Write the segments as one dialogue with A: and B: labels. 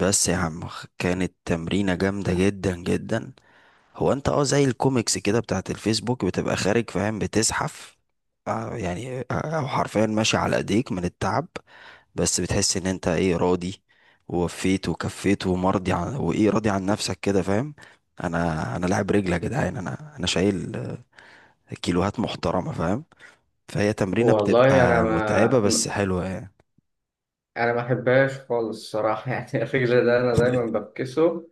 A: بس يا عم، كانت تمرينة جامدة جدا جدا. هو انت زي الكوميكس كده بتاعت الفيسبوك بتبقى خارج، فاهم؟ بتزحف، آه يعني آه، او حرفيا ماشي على ايديك من التعب. بس بتحس ان انت، ايه، راضي ووفيت وكفيت ومرضي عن، وايه راضي عن نفسك كده، فاهم؟ انا لاعب رجل يا جدعان، انا شايل كيلوهات محترمة، فاهم؟ فهي تمرينة
B: والله انا
A: بتبقى
B: ما
A: متعبة بس
B: م-
A: حلوة يعني.
B: انا ما احبهاش خالص الصراحه. يعني الرجل ده انا دايما بفكسه،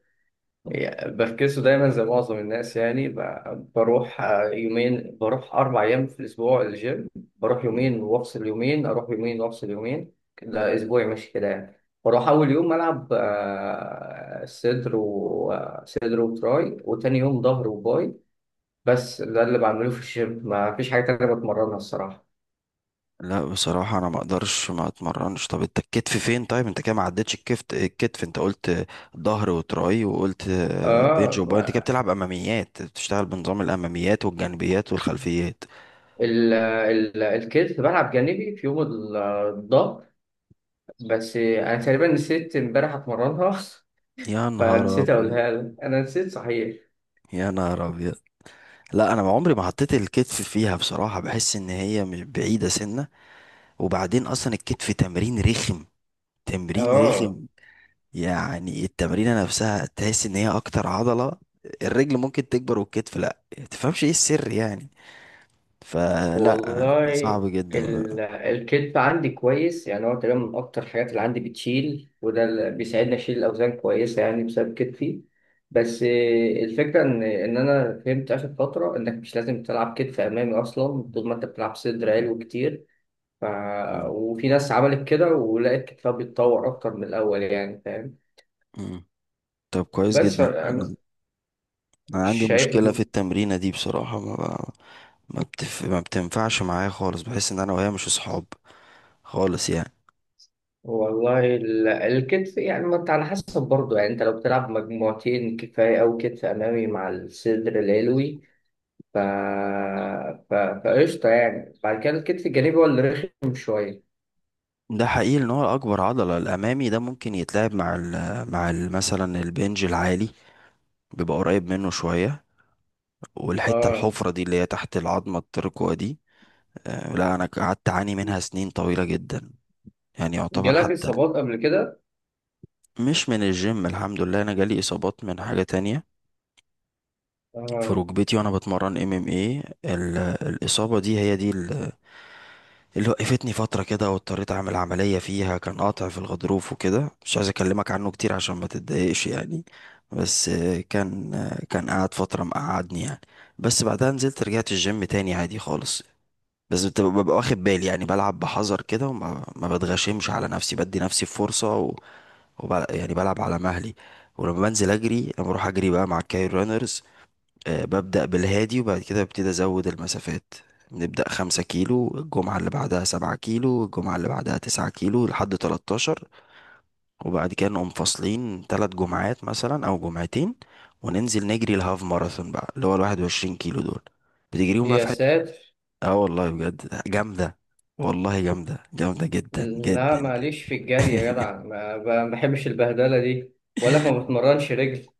B: يعني بفكسه دايما زي معظم الناس. يعني بروح يومين، بروح اربع ايام في الاسبوع الجيم. بروح يومين وافصل يومين، اروح يومين وافصل يومين، ده اسبوعي ماشي كده يعني. بروح اول يوم العب صدر، وصدر وتراي، وتاني يوم ظهر وباي. بس ده اللي بعمله في الجيم، ما فيش حاجه تانيه بتمرنها الصراحه.
A: لا، بصراحة أنا ما أقدرش ما أتمرنش. طب أنت الكتف فين؟ طيب أنت كده ما عدتش الكتف، أنت قلت ظهر وتراي وقلت بنج
B: اه،
A: وباي. أنت كده بتلعب أماميات، بتشتغل بنظام الأماميات والجانبيات والخلفيات.
B: الكتف بلعب جانبي في يوم الظهر، بس انا تقريبا نسيت امبارح اتمرنها.
A: يا نهار
B: فنسيت
A: أبيض.
B: اقولها لك، انا نسيت صحيح.
A: يا نهار أبيض. لا، أنا ما عمري ما حطيت الكتف فيها بصراحة، بحس إن هي مش بعيدة سنة. وبعدين أصلا الكتف تمرين رخم. تمرين
B: اه
A: رخم. يعني التمرينة نفسها تحس ان هي اكتر عضلة. الرجل ممكن تكبر والكتف لا، تفهمش ايه السر يعني. فلا،
B: والله
A: صعب جدا بقى.
B: الكتف عندي كويس، يعني هو تقريبا من اكتر الحاجات اللي عندي بتشيل، وده اللي بيساعدني اشيل الاوزان كويسه يعني، بسبب كتفي. بس الفكره ان انا فهمت اخر فتره انك مش لازم تلعب كتف امامي اصلا طول ما انت بتلعب صدر عالي كتير. ف...
A: مم.
B: وفي ناس عملت كده ولقيت كتابها بيتطور أكتر من الأول، يعني فاهم.
A: مم. طب كويس
B: بس
A: جدا.
B: أنا
A: انا انا عندي
B: شايف
A: مشكلة في
B: إن-
A: التمرينة دي بصراحة، ما ب... ما بتف... ما بتنفعش معايا خالص، بحس ان انا وهي مش اصحاب خالص يعني.
B: والله الكتف يعني، ما أنت على حسب برضه. يعني أنت لو بتلعب مجموعتين كفاية، أو كتف أمامي مع الصدر العلوي، ف... فقشطة، يعني بعد كده الكتف الجانبي هو اللي رخم شوية.
A: ده حقيقي ان هو اكبر عضلة. الامامي ده ممكن يتلعب مع مثلا البنج العالي، بيبقى قريب منه شوية.
B: آه.
A: الحفرة دي اللي هي تحت العظمة الترقوة دي. لا، انا قعدت اعاني منها سنين طويلة جدا، يعني يعتبر
B: جالك
A: حتى.
B: إصابات قبل كده؟
A: مش من الجيم، الحمد لله، انا جالي اصابات من حاجة تانية في
B: آه،
A: ركبتي وانا بتمرن. ام ام ايه الاصابة دي، هي دي اللي وقفتني فترة كده واضطريت اعمل عملية فيها، كان قاطع في الغضروف وكده. مش عايز اكلمك عنه كتير عشان ما تتضايقش يعني. بس كان قعد فترة مقعدني يعني. بس بعدها نزلت، رجعت الجيم تاني عادي خالص. بس ببقى واخد بالي يعني، بلعب بحذر كده وما ما بتغشمش على نفسي، بدي نفسي فرصة يعني بلعب على مهلي. ولما بنزل اجري لما بروح اجري بقى مع الكاير رانرز، آه، ببدأ بالهادي وبعد كده ببتدي ازود المسافات. نبدأ 5 كيلو، الجمعة اللي بعدها 7 كيلو، الجمعة اللي بعدها 9 كيلو لحد 13. وبعد كده نقوم فاصلين 3 جمعات مثلا أو جمعتين، وننزل نجري الهاف ماراثون بقى، اللي هو 21 كيلو دول، بتجريهم بقى
B: يا
A: في...
B: ساتر.
A: اه والله بجد جامدة. والله جامدة، جامدة جدا
B: لا
A: جدا جدا.
B: ماليش في الجري يا جدع، ما بحبش البهدلة دي. بقول لك ما بتمرنش رجل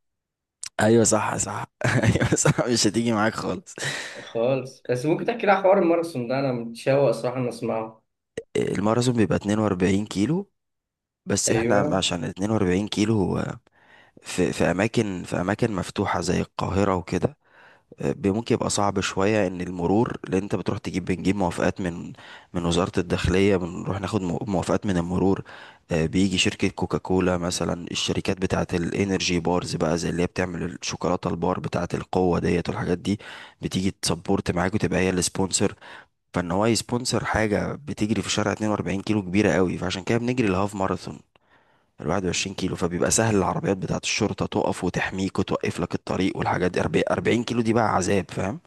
A: ايوه صح صح. ايوه صح، مش هتيجي معاك خالص.
B: خالص. بس ممكن تحكي لي على حوار الماراثون ده، انا متشوق صراحة ان اسمعه.
A: الماراثون بيبقى 42 كيلو. بس احنا
B: ايوه،
A: عشان 42 كيلو هو في اماكن مفتوحة زي القاهرة وكده، آه، ممكن يبقى صعب شوية، ان المرور، لان انت بتروح بنجيب موافقات من وزارة الداخلية، بنروح ناخد موافقات من المرور. آه، بيجي شركة كوكاكولا مثلا، الشركات بتاعة الانرجي بارز بقى، زي اللي هي بتعمل الشوكولاتة البار بتاعة القوة، ديت والحاجات دي. بتيجي تسبورت معاك وتبقى هي السبونسر. فان هو يسبونسر حاجة بتجري في شارع 42 كيلو كبيرة قوي، فعشان كده بنجري الهاف ماراثون ال 21 كيلو، فبيبقى سهل. العربيات بتاعة الشرطة تقف وتحميك وتوقف لك الطريق والحاجات دي. 40 40 كيلو دي بقى عذاب، فاهم؟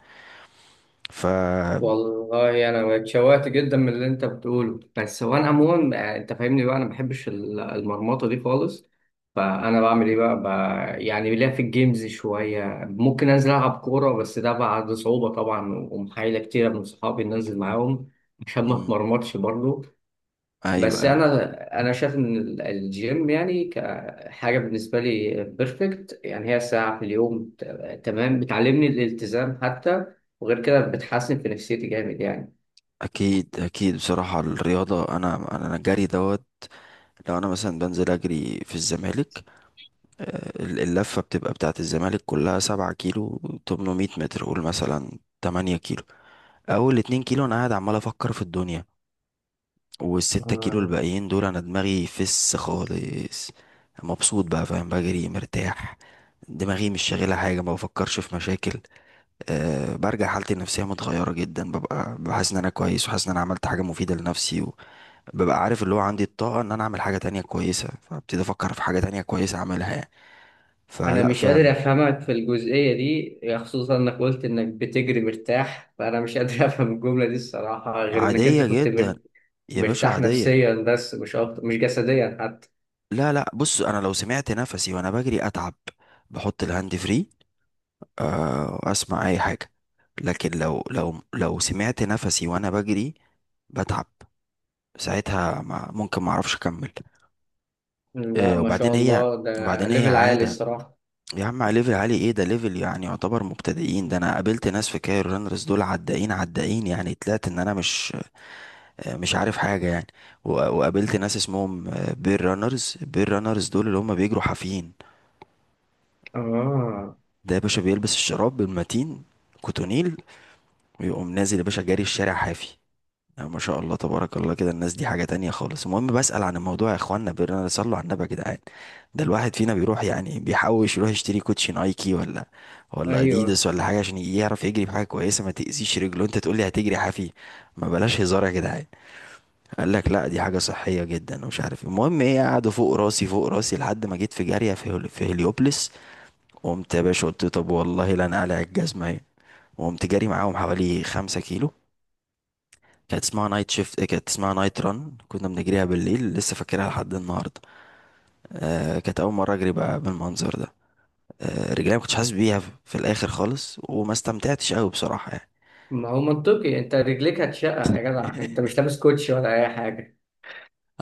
A: ف...
B: والله انا اتشوقت جدا من اللي انت بتقوله. بس هو انا عموما انت فاهمني بقى، انا ما بحبش المرمطة دي خالص. فانا بعمل ايه بقى، بقى يعني. ليا في الجيمز شوية، ممكن انزل العب كورة، بس ده بعد صعوبة طبعا ومحايلة كتيرة من صحابي إن انزل معاهم، عشان ما
A: مم.
B: اتمرمطش برضه.
A: ايوه
B: بس
A: ايوه.
B: انا شايف ان الجيم يعني كحاجه بالنسبه لي بيرفكت. يعني هي ساعه في اليوم تمام، بتعلمني الالتزام حتى، وغير كده بتحسن في نفسيتي جامد يعني.
A: اكيد اكيد. بصراحه الرياضه، انا الجري دوت. لو انا مثلا بنزل اجري في الزمالك، آه، اللفه بتبقى بتاعه الزمالك كلها 7 كيلو 800 متر، قول مثلا 8 كيلو. اول 2 كيلو انا قاعد عمال افكر في الدنيا، والستة كيلو
B: آه.
A: الباقيين دول انا دماغي فس خالص. مبسوط بقى، فاهم؟ بجري مرتاح، دماغي مش شاغله حاجه، ما بفكرش في مشاكل. أه، برجع حالتي النفسية متغيرة جدا، ببقى بحس ان انا كويس وحاسس ان انا عملت حاجة مفيدة لنفسي، وببقى عارف اللي هو عندي الطاقة ان انا اعمل حاجة تانية كويسة، فابتدي افكر في حاجة تانية كويسة اعملها يعني.
B: انا
A: فلا،
B: مش قادر
A: فعلا.
B: افهمك في الجزئيه دي، خصوصا انك قلت انك بتجري مرتاح، فانا مش قادر افهم الجمله دي الصراحه، غير انك انت
A: عادية جدا. يا باشا
B: مرتاح
A: عادية.
B: نفسيا بس مش اكتر، مش جسديا حتى.
A: لا لا، بص، انا لو سمعت نفسي وانا بجري اتعب. بحط الهاند فري، أه، واسمع اي حاجة. لكن لو سمعت نفسي وانا بجري بتعب ساعتها، ما ممكن ما اعرفش اكمل.
B: لا
A: أه،
B: ما شاء الله، ده
A: وبعدين هي
B: ليفل عالي
A: عادة.
B: الصراحه.
A: يا عم، على ليفل عالي ايه؟ ده ليفل يعني يعتبر مبتدئين. ده انا قابلت ناس في كاير رانرز، دول عدائين عدائين يعني، طلعت ان انا مش عارف حاجة يعني. و- وقابلت ناس اسمهم بير رانرز. بير رانرز دول اللي هم بيجروا حافيين.
B: اه.
A: ده يا باشا بيلبس الشراب المتين، كوتونيل، ويقوم نازل يا باشا جاري الشارع حافي. لا، ما شاء الله تبارك الله كده، الناس دي حاجة تانية خالص. المهم بسأل عن الموضوع يا اخوانا، بيرنا، صلوا على النبي يا جدعان. ده الواحد فينا بيروح يعني بيحوش يروح يشتري كوتشي نايكي ولا
B: ايوه،
A: اديداس ولا حاجة عشان يعرف يجري بحاجة كويسة ما تأذيش رجله، انت تقول لي هتجري حافي؟ ما بلاش هزار يا جدعان. قال لك لا، دي حاجة صحية جدا ومش عارف إيه. المهم، ايه، قعدوا فوق راسي فوق راسي لحد ما جيت في جارية في في هليوبلس. قمت يا باشا قلت طب والله لا، انا قلع الجزمة اهي، وقمت جاري معاهم حوالي 5 كيلو. كانت اسمها نايت شيفت، كانت اسمها نايت ران، كنا بنجريها بالليل، لسه فاكرها لحد النهارده. آه، كانت اول مره اجري بقى بالمنظر ده. آه، رجلي ما كنتش حاسس بيها في الاخر خالص، وما استمتعتش قوي بصراحه يعني.
B: ما هو منطقي، انت رجليك هتشقق يا جدع، انت مش لابس كوتشي ولا اي حاجه.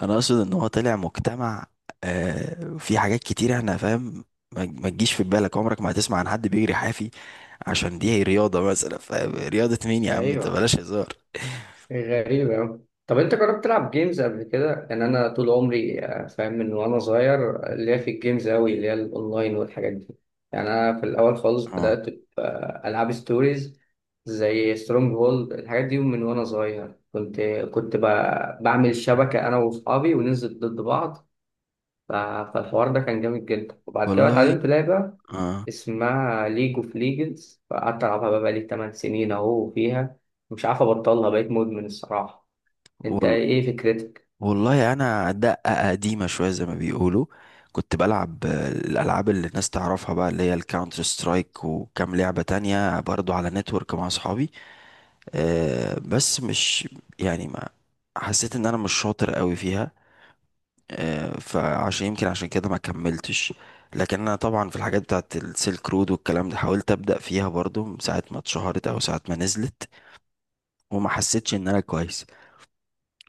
A: انا اقصد ان هو طلع مجتمع. آه، في حاجات كتير احنا، فاهم؟ ما تجيش في بالك عمرك ما هتسمع عن حد بيجري حافي عشان دي رياضه مثلا، فاهم؟ رياضه مين يا عم انت،
B: ايوه.
A: بلاش هزار.
B: غريبة أوي، طب انت جربت تلعب جيمز قبل كده؟ ان انا طول عمري فاهم، من وانا صغير اللي هي في الجيمز أوي، اللي هي الاونلاين والحاجات دي. يعني انا في الاول خالص
A: اه
B: بدات العاب ستوريز زي سترونج هولد، الحاجات دي من وانا صغير. كنت كنت بعمل شبكه انا واصحابي وننزل ضد بعض. ف- فالحوار ده كان جامد جدا. وبعد كده
A: والله.
B: اتعلمت لعبه
A: اه
B: اسمها ليج اوف ليجندز، فقعدت العبها بقى بقالي 8 سنين اهو فيها، مش عارف ابطلها، بقيت مدمن الصراحة. انت
A: والله.
B: ايه فكرتك؟
A: والله انا دقة قديمة شوية زي ما بيقولوا. كنت بلعب، آه، الالعاب اللي الناس تعرفها بقى، اللي هي الكاونتر سترايك وكام لعبة تانية برضو على نتورك مع اصحابي. آه، بس مش، يعني ما حسيت ان انا مش شاطر قوي فيها، آه، فعشان يمكن كده ما كملتش. لكن انا طبعا في الحاجات بتاعت السيلك رود والكلام ده، حاولت ابدا فيها برضو من ساعة ما اتشهرت او ساعة ما نزلت، وما حسيتش ان انا كويس،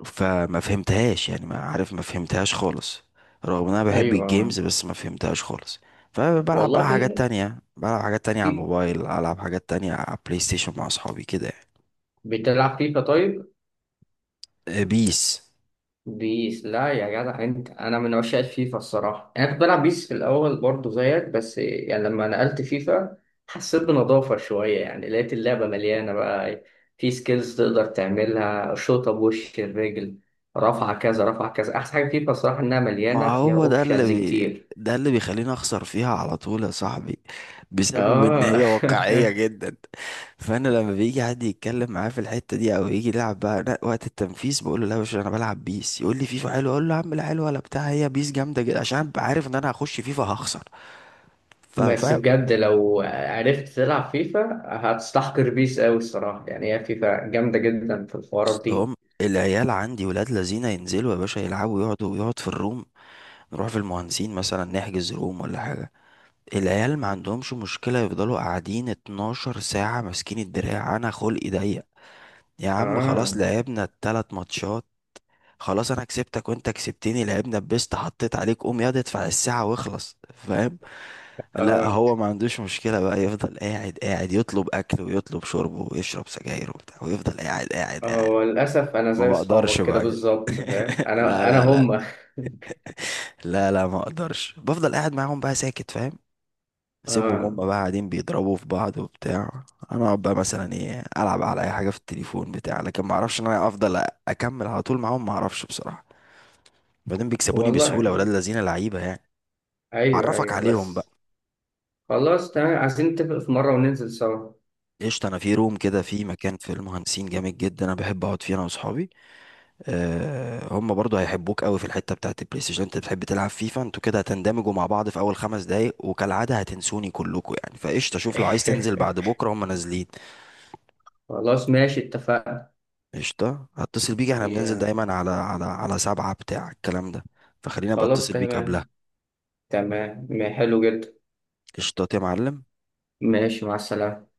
A: فما فهمتهاش يعني. ما عارف، ما فهمتهاش خالص، رغم ان انا بحب الجيمز
B: ايوه
A: بس ما فهمتهاش خالص. فبلعب بقى
B: والله.
A: حاجات تانية، بلعب حاجات تانية على
B: في-
A: الموبايل، العب حاجات تانية على بلاي ستيشن مع اصحابي كده يعني.
B: بتلعب فيفا طيب؟
A: آه، بيس.
B: بيس؟ لا يا جدع، انت انا من عشاق الفيفا الصراحه. انا كنت بلعب بيس في الاول برضه زيك، بس يعني لما نقلت فيفا حسيت بنضافه شويه، يعني لقيت اللعبه مليانه بقى. في سكيلز تقدر تعملها، شوطه، بوش الرجل، رفعه كذا، رفعه كذا. احسن حاجه فيفا الصراحه، انها
A: ما
B: مليانه فيها
A: هو ده اللي
B: اوبشنز كتير.
A: بيخليني اخسر فيها على طول يا صاحبي، بسبب ان
B: اه.
A: هي واقعية جدا. فانا لما بيجي حد يتكلم معايا في الحتة دي او يجي يلعب بقى، لا، وقت التنفيذ بقول له لا يا باشا انا بلعب بيس. يقول لي فيفا حلوه، اقول له يا عم لا حلوه ولا بتاع، هي بيس جامدة جدا عشان أبقى عارف ان انا هخش فيفا هخسر.
B: بس
A: فاهم؟
B: بجد لو عرفت تلعب فيفا هتستحقر بيس قوي الصراحه، يعني هي فيفا جامده جدا في الحوارات
A: اصل
B: دي.
A: هم، العيال عندي ولاد لذينه، ينزلوا يا باشا يلعبوا، يقعد في الروم، نروح في المهندسين مثلا نحجز روم ولا حاجة. العيال ما عندهمش مشكلة يفضلوا قاعدين 12 ساعة ماسكين الدراع. أنا خلقي ضيق، يا عم
B: اه.
A: خلاص، لعبنا التلات ماتشات. خلاص أنا كسبتك وأنت كسبتني، لعبنا بيست، حطيت عليك، قوم ياض ادفع الساعة واخلص، فاهم؟ لا،
B: اه.
A: هو ما عندوش مشكلة بقى، يفضل قاعد قاعد يطلب أكل ويطلب شرب ويشرب سجاير وبتاع، ويفضل قاعد قاعد قاعد.
B: هو للأسف أنا
A: ما
B: زي
A: بقدرش
B: أصحابك كده
A: بقى كده.
B: بالظبط فاهم،
A: لا
B: أنا أنا
A: لا لا.
B: هم
A: لا لا، ما اقدرش بفضل قاعد معاهم بقى ساكت، فاهم؟ اسيبهم
B: آه.
A: هما بقى قاعدين بيضربوا في بعض وبتاع، انا اقعد بقى مثلا، ايه، العب على اي حاجه في التليفون بتاع، لكن ما اعرفش ان انا افضل اكمل على طول معاهم، ما اعرفش بصراحه. بعدين بيكسبوني
B: والله
A: بسهوله ولاد الذين، لعيبه يعني.
B: أيوه
A: اعرفك
B: أيوه
A: عليهم بقى.
B: بس. خلاص تمام، عايزين نتفق في مرة وننزل سوا.
A: قشطه، انا في روم كده في مكان في المهندسين جامد جدا انا بحب اقعد فيه انا واصحابي. أه، هم برضو هيحبوك قوي في الحته بتاعت البلاي ستيشن، انت بتحب تلعب فيفا، انتوا كده هتندمجوا مع بعض في اول 5 دقايق وكالعاده هتنسوني كلكم يعني. فقشطه شوف، لو عايز تنزل بعد بكره هم نازلين.
B: خلاص ماشي اتفقنا.
A: قشطة، هتصل بيك، احنا بننزل
B: يا-
A: دايما على سبعة بتاع الكلام ده، فخليني ابقى
B: خلاص
A: اتصل بيك قبلها.
B: تمام، تمام. حلو جدا.
A: قشطات يا معلم.
B: ماشي، مع السلامة.